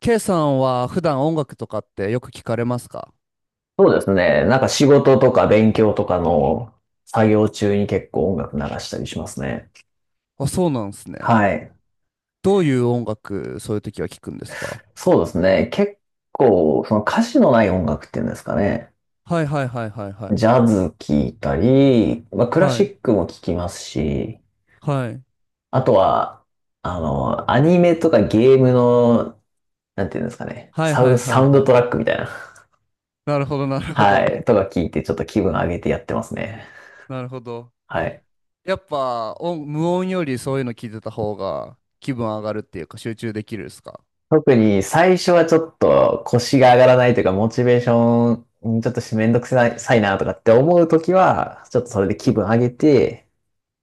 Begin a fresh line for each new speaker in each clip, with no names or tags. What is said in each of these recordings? K さんは普段音楽とかってよく聞かれますか？
そうですね。なんか仕事とか勉強とかの作業中に結構音楽流したりしますね。
あ、そうなんですね。
はい。
どういう音楽、そういう時は聞くんですか？
そうですね。結構、その歌詞のない音楽っていうんですかね。
はいはいはいはいは
ジ
い。
ャズ聴いたり、まあ、クラ
は
シ
い。
ックも聴きますし、
はい。
あとは、アニメとかゲームの、なんていうんですかね。
はいはいは
サ
い
ウン
は
ドトラ
い。
ックみたいな。
なるほどなるほ
は
ど。
い。とか聞いてちょっと気分上げてやってますね。
なるほど。
はい。
やっぱ音、無音よりそういうの聞いてた方が気分上がるっていうか集中できるですか？
特に最初はちょっと腰が上がらないというか、モチベーション、うんちょっとしめんどくさいさいなとかって思うときは、ちょっとそれで気分上げて、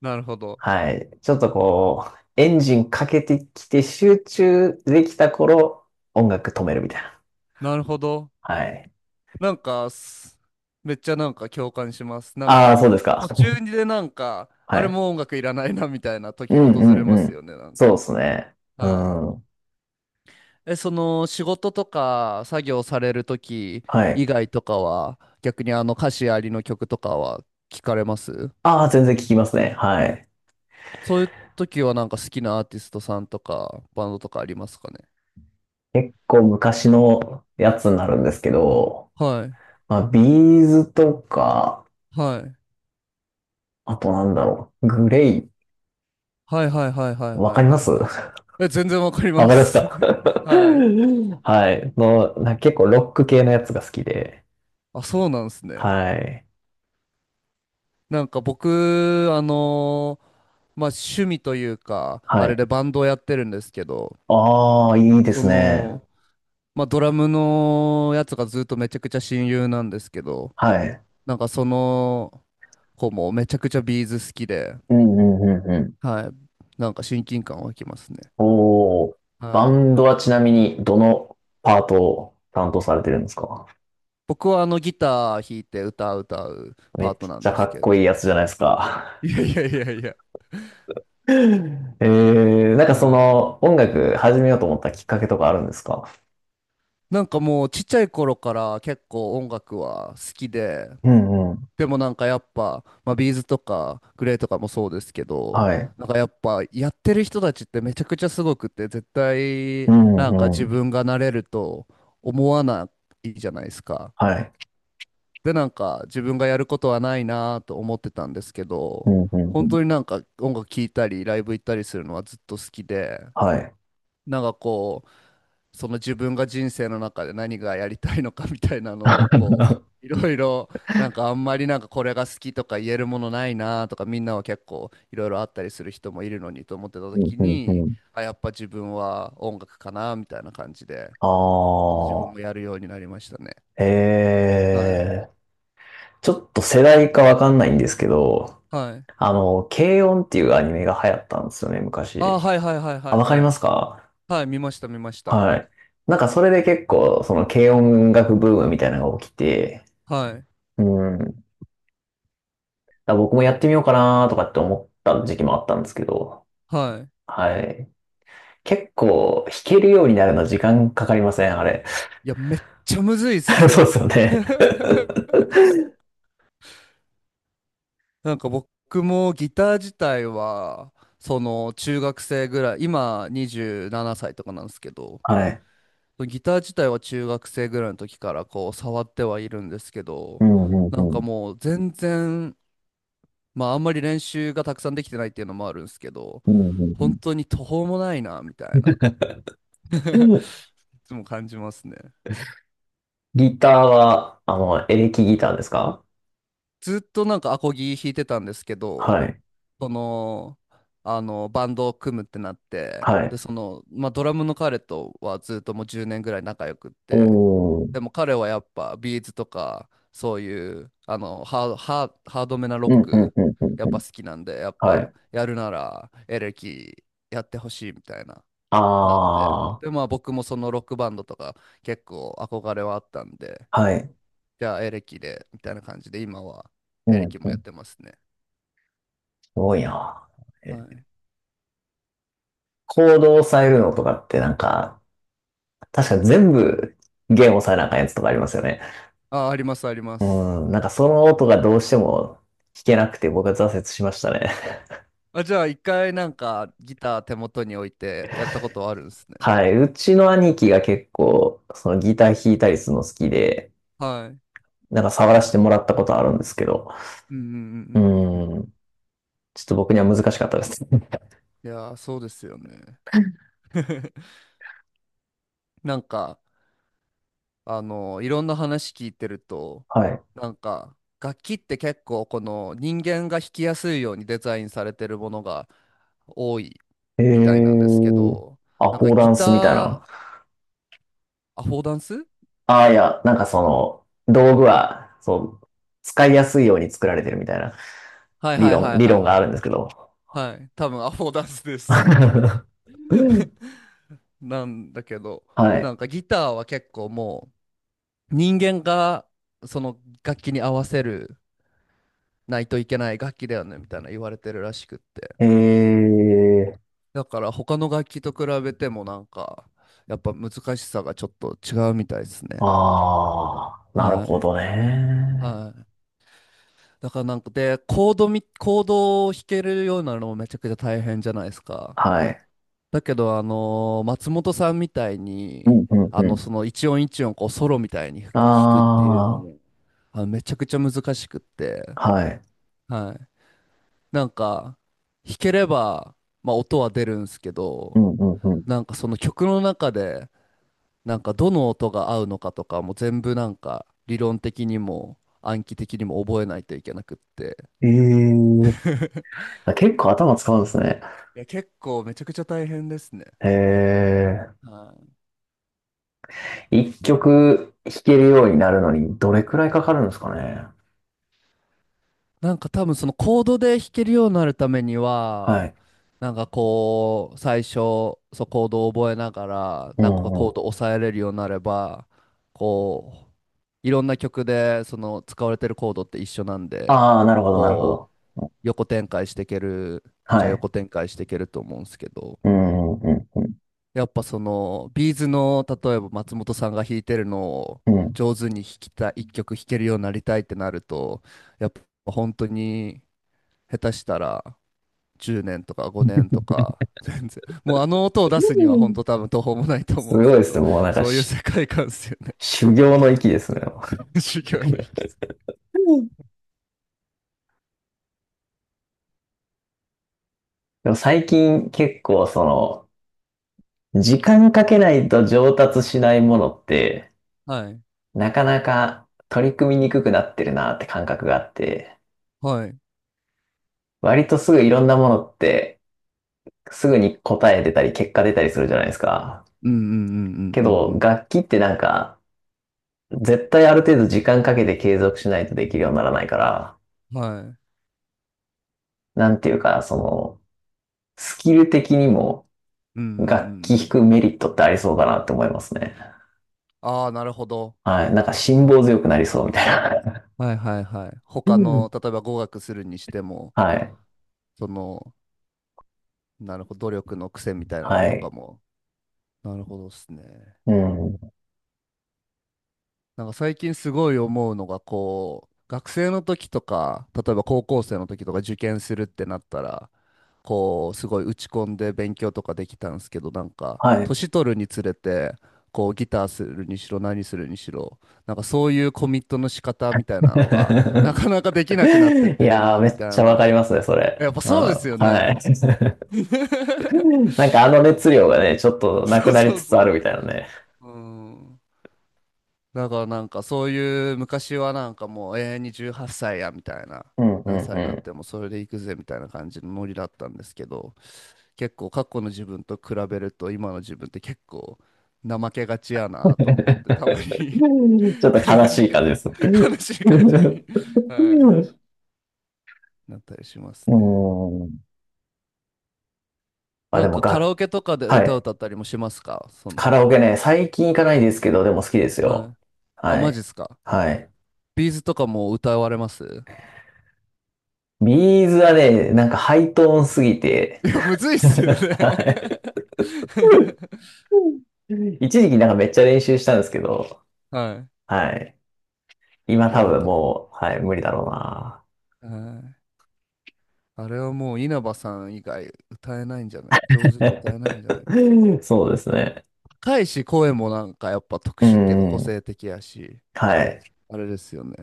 なるほど。
はい。ちょっとこう、エンジンかけてきて集中できた頃、音楽止めるみたいな。
なるほど。
はい。
なんか、すめっちゃなんか共感します。なん
ああ、
か、
そうですか。
途中でなんか、
は
あれ
い。
もう音楽いらないなみたいな
う
時
ん
訪
う
れ
ん
ま
う
す
ん。
よね、なん
そうで
か。
すね。う
はい。
ん。
え、その仕事とか作業される時
はい。
以外とかは、逆にあの歌詞ありの曲とかは聞かれます？
ああ、全然聞きますね。はい。
そういう時はなんか好きなアーティストさんとかバンドとかありますかね？
結構昔のやつになるんですけど、
はい。
まあ、ビーズとか、
はい。
あとなんだろう。グレイ。
はいはいはいはい
わ
は
か
い
りま
は
す
い
わ
はい。え、全然わかり
かり
ま
ますか
す。はい。
はい。結構ロック系のやつが好きで。
あ、そうなんですね。
はい。
なんか僕、まあ、趣味というか、あ
は
れ
い。
でバンドをやってるんですけど、
ああ、いいで
そ
すね。
の、まあ、ドラムのやつがずっとめちゃくちゃ親友なんですけど、
はい。
なんかその子もめちゃくちゃビーズ好きで、
うんうんうんうん。
はい、なんか親近感湧きますね。
おお。バ
はい。
ンドはちなみにどのパートを担当されてるんですか？
僕はあのギター弾いて歌う
め
パー
っ
ト
ち
なん
ゃ
で
か
す
っ
け
こいい
ど、
やつじゃないですか。
いやいやいやいや、
えなんかそ
はい。
の音楽始めようと思ったきっかけとかあるんですか？
なんかもうちっちゃい頃から結構音楽は好きで、
うんうん。
でもなんかやっぱ、まあ、ビーズとかグレーとかもそうですけど、
はい。
なんかやっぱやってる人たちってめちゃくちゃすごくて、絶
う
対なんか
んう
自
ん。
分がなれると思わないじゃないですか。
はい。
で、なんか自分がやることはないなと思ってたんですけ
う
ど、
んうんう
本
ん。
当になんか音楽聴いたりライブ行ったりするのはずっと好きで、
はい。
なんかこう、その自分が人生の中で何がやりたいのかみたいなのをこ ういろいろ、なんかあんまりなんかこれが好きとか言えるものないなとか、みんなは結構いろいろあったりする人もいるのにと思ってた
うん
時
うんう
に、
ん。
あやっぱ自分は音楽かなみたいな感じで
あ
自分
あ、
もやるようになりましたね。はい。
ええ、ちょっと世代かわかんないんですけど、
はい。
軽音っていうアニメが流行ったんですよね、
あー
昔。
はいはいはいは
あ、
い
わかり
は
ま
い
すか？
はい。見ました見ました。
はい。なんかそれで結構、その軽音楽ブームみたいなのが起きて、
はい。
うん。だから僕もやってみようかなとかって思った時期もあったんですけど、
はい。
はい。結構弾けるようになるの時間かかりません、あれ。
いやめっちゃむずいっ す
そうで
よ。
すよ ね。
なんか僕もギター自体はその中学生ぐらい、今27歳とかなんですけど、
はい。
ギター自体は中学生ぐらいの時からこう触ってはいるんですけ
う
ど、
ん、うん、
なん
うん。
かもう全然、まああんまり練習がたくさんできてないっていうのもあるんですけど、
うん、う
本
ん
当に途方もないなみたいな。
う ん。
いつも感じますね。
ギターは、エレキギターですか？
ずっとなんかアコギ弾いてたんですけど、
はい。
その、あの、バンドを組むってなって、
は
で、
い。
その、まあ、ドラムの彼とはずっともう10年ぐらい仲良くって、
おー。
でも彼はやっぱビーズとか、そういう、あの、ハードめなロ
う
ッ
ん、うん、
ク、
うん、うん、
やっ
うん。
ぱ好きなんで、やっ
は
ぱ
い。
やるならエレキやってほしいみたいな、
あ
なって。
あ、
で、まあ僕もそのロックバンドとか結構憧れはあったんで、
はい。
じゃあエレキで、みたいな感じで、今は
う
エレ
ん、
キ
う
もやっ
ん。
てますね。
すごいな。え、
はい。
コードを押さえるのとかってなんか、確か全部弦押さえなあかんやつとかありますよね。
あ、あります、ありま
う
す。
ん、なんかその音がどうしても弾けなくて僕は挫折しましたね。
あ、じゃあ一回なんかギター手元に置いてやったことあるんですね。
はい。うちの兄貴が結構、そのギター弾いたりするの好きで、
はい。
なんか触らせてもらったことあるんですけど、
うんうんう
う
んうんうんう
ー
ん。
ん、ちょっと僕には難しかったです。
いやー、そうですよね。なんか、あの、いろんな話聞いてると、
はい。
なんか、楽器って結構この人間が弾きやすいようにデザインされてるものが多い
え
みたいなんですけ
ー、
ど、
あ、
なん
フ
か
ォーダ
ギ
ン
タ
スみたいな。
ー、アフォーダンス。
ああ、いや、なんかその、道具は、そう、使いやすいように作られてるみたいな
はいはいはい
理
はい
論があ
は
るんですけど。
い。はい。多分アフォーダンスで す。
は
なんだけど、
い。
なんかギターは結構もう人間がその楽器に合わせるないといけない楽器だよねみたいな言われてるらしくって。
えー、
だから他の楽器と比べてもなんかやっぱ難しさがちょっと違うみたいですね。
ああ、なる
は
ほ
い。
どね。
はい。だからなんかで、コードを弾けるようになるのもめちゃくちゃ大変じゃないですか。
はい。
だけど、あのー松本さんみたい
う
に、
んうん
あ
う
の、
ん。
その一音一音、こう、ソロみたいに弾くっていうの
あ
も、あの、めちゃくちゃ難しくって、
あ、はい。
はい。なんか、弾ければ、まあ、音は出るんですけ
う
ど、
んうんうん。
なんかその曲の中で、なんかどの音が合うのかとかも全部なんか、理論的にも暗記的にも覚えないといけなくって、
ええー、結構頭使うんですね。
いや、結構めちゃくちゃ大変ですね。
へえ。
はい。
一曲弾けるようになるのにどれくらいかかるんですかね。
なんか多分そのコードで弾けるようになるために
は
は、
い。
なんかこう、最初、そうコードを覚えながら、
う
なんか
んう
コード
ん。
を抑えれるようになれば、こう、いろんな曲でその使われてるコードって一緒なんで、
ああ、なるほど、なるほ
こ
ど。
う、横展開していける、
は
じゃあ
い。
横展開していけると思うんですけど、
うんうんうん
やっぱその、ビーズの、例えば松本さんが弾いてるのを
うん。う
上手に弾きたい、一曲弾けるようになりたいってなると、やっぱ本当に、下手したら10年とか5年とか、全然。もうあの音を出すに
ん。う
は本
ん。
当多分途方もないと
す
思うんです
ごいで
け
す
ど、
ね。もうなんか
そういう
し、
世界観ですよね。
修行の域ですね。
修行の域。
うん。でも最近結構その、時間かけないと上達しないものって、
はい。
なかなか取り組みにくくなってるなって感覚があって、
はい。
割とすぐいろんなものって、すぐに答え出たり結果出たりするじゃないですか。
うんうんうん
け
うんう
ど、
ん
楽器ってなんか、絶対ある程度時間かけて継続しないとできるようにならないから、
うん。はい。うん
なんていうか、その、スキル的にも
うんうん
楽器
う
弾く
ん。
メリットってありそうだなって思いますね。
ああ、なるほど。
はい。なんか辛抱強くなりそうみたいな。
はいはいはい。他の、例えば語学するにしても、
はい。
その、なるほど、努力の癖みたいなの
は
とか
い。
も。なるほどですね。
うん。
なんか最近すごい思うのが、こう学生の時とか例えば高校生の時とか受験するってなったらこうすごい打ち込んで勉強とかできたんですけど、なんか
はい。
年取るにつれてこうギターするにしろ何するにしろ、なんかそういうコミットの仕方みたいなのがなかな かできなくなってっ
い
てる
やー、
な
め
み
っ
た
ち
い
ゃわかり
な。
ますね、それ。
やっぱ
うん。
そうですよ
は
ね。
い。なんかあの熱量がね、ちょっとな
そ
く
う
なり
そう
つつ
そ
あるみたいなね。
ううん。だからなんかそういう、昔はなんかもう永遠に18歳やみたいな、
うんう
何
ん
歳
う
になっ
ん。
てもそれで行くぜみたいな感じのノリだったんですけど、結構過去の自分と比べると今の自分って結構怠けがちやなと思って たまに。
ちょっと悲しい感じです。
悲 しい感じに、はい、なったりします
う
ね。
ーん。まあ
な
で
ん
も
かカラ
が、
オケとかで
は
歌
い。
歌ったりもしますか、その。
カラオケね、最近行かないですけど、でも好きです
は
よ。
い。あ
は
マジっ
い。
すか。
はい。
ビーズとかも歌われます？
ビーズはね、なんかハイトーンすぎて、
いやむずいっ すよね。
はい。 一時期なんかめっちゃ練習したんですけど、
は
はい。今
い。いや、
多
わ
分
かる。
もう、はい、無理だろうな。
はい。あれはもう稲葉さん以外歌えないんじゃない、上手に歌えないんじゃない。
そうですね。
高いし、声もなんかやっぱ特
う
殊っていうか個
ん。
性的やし、
はい。
あれですよね。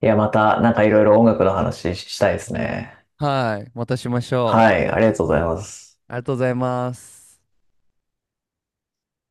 いや、また、なんかいろいろ音楽の話ししたいですね。
はい。またしましょ
は
う。
い、ありがとうございます。
ありがとうございます。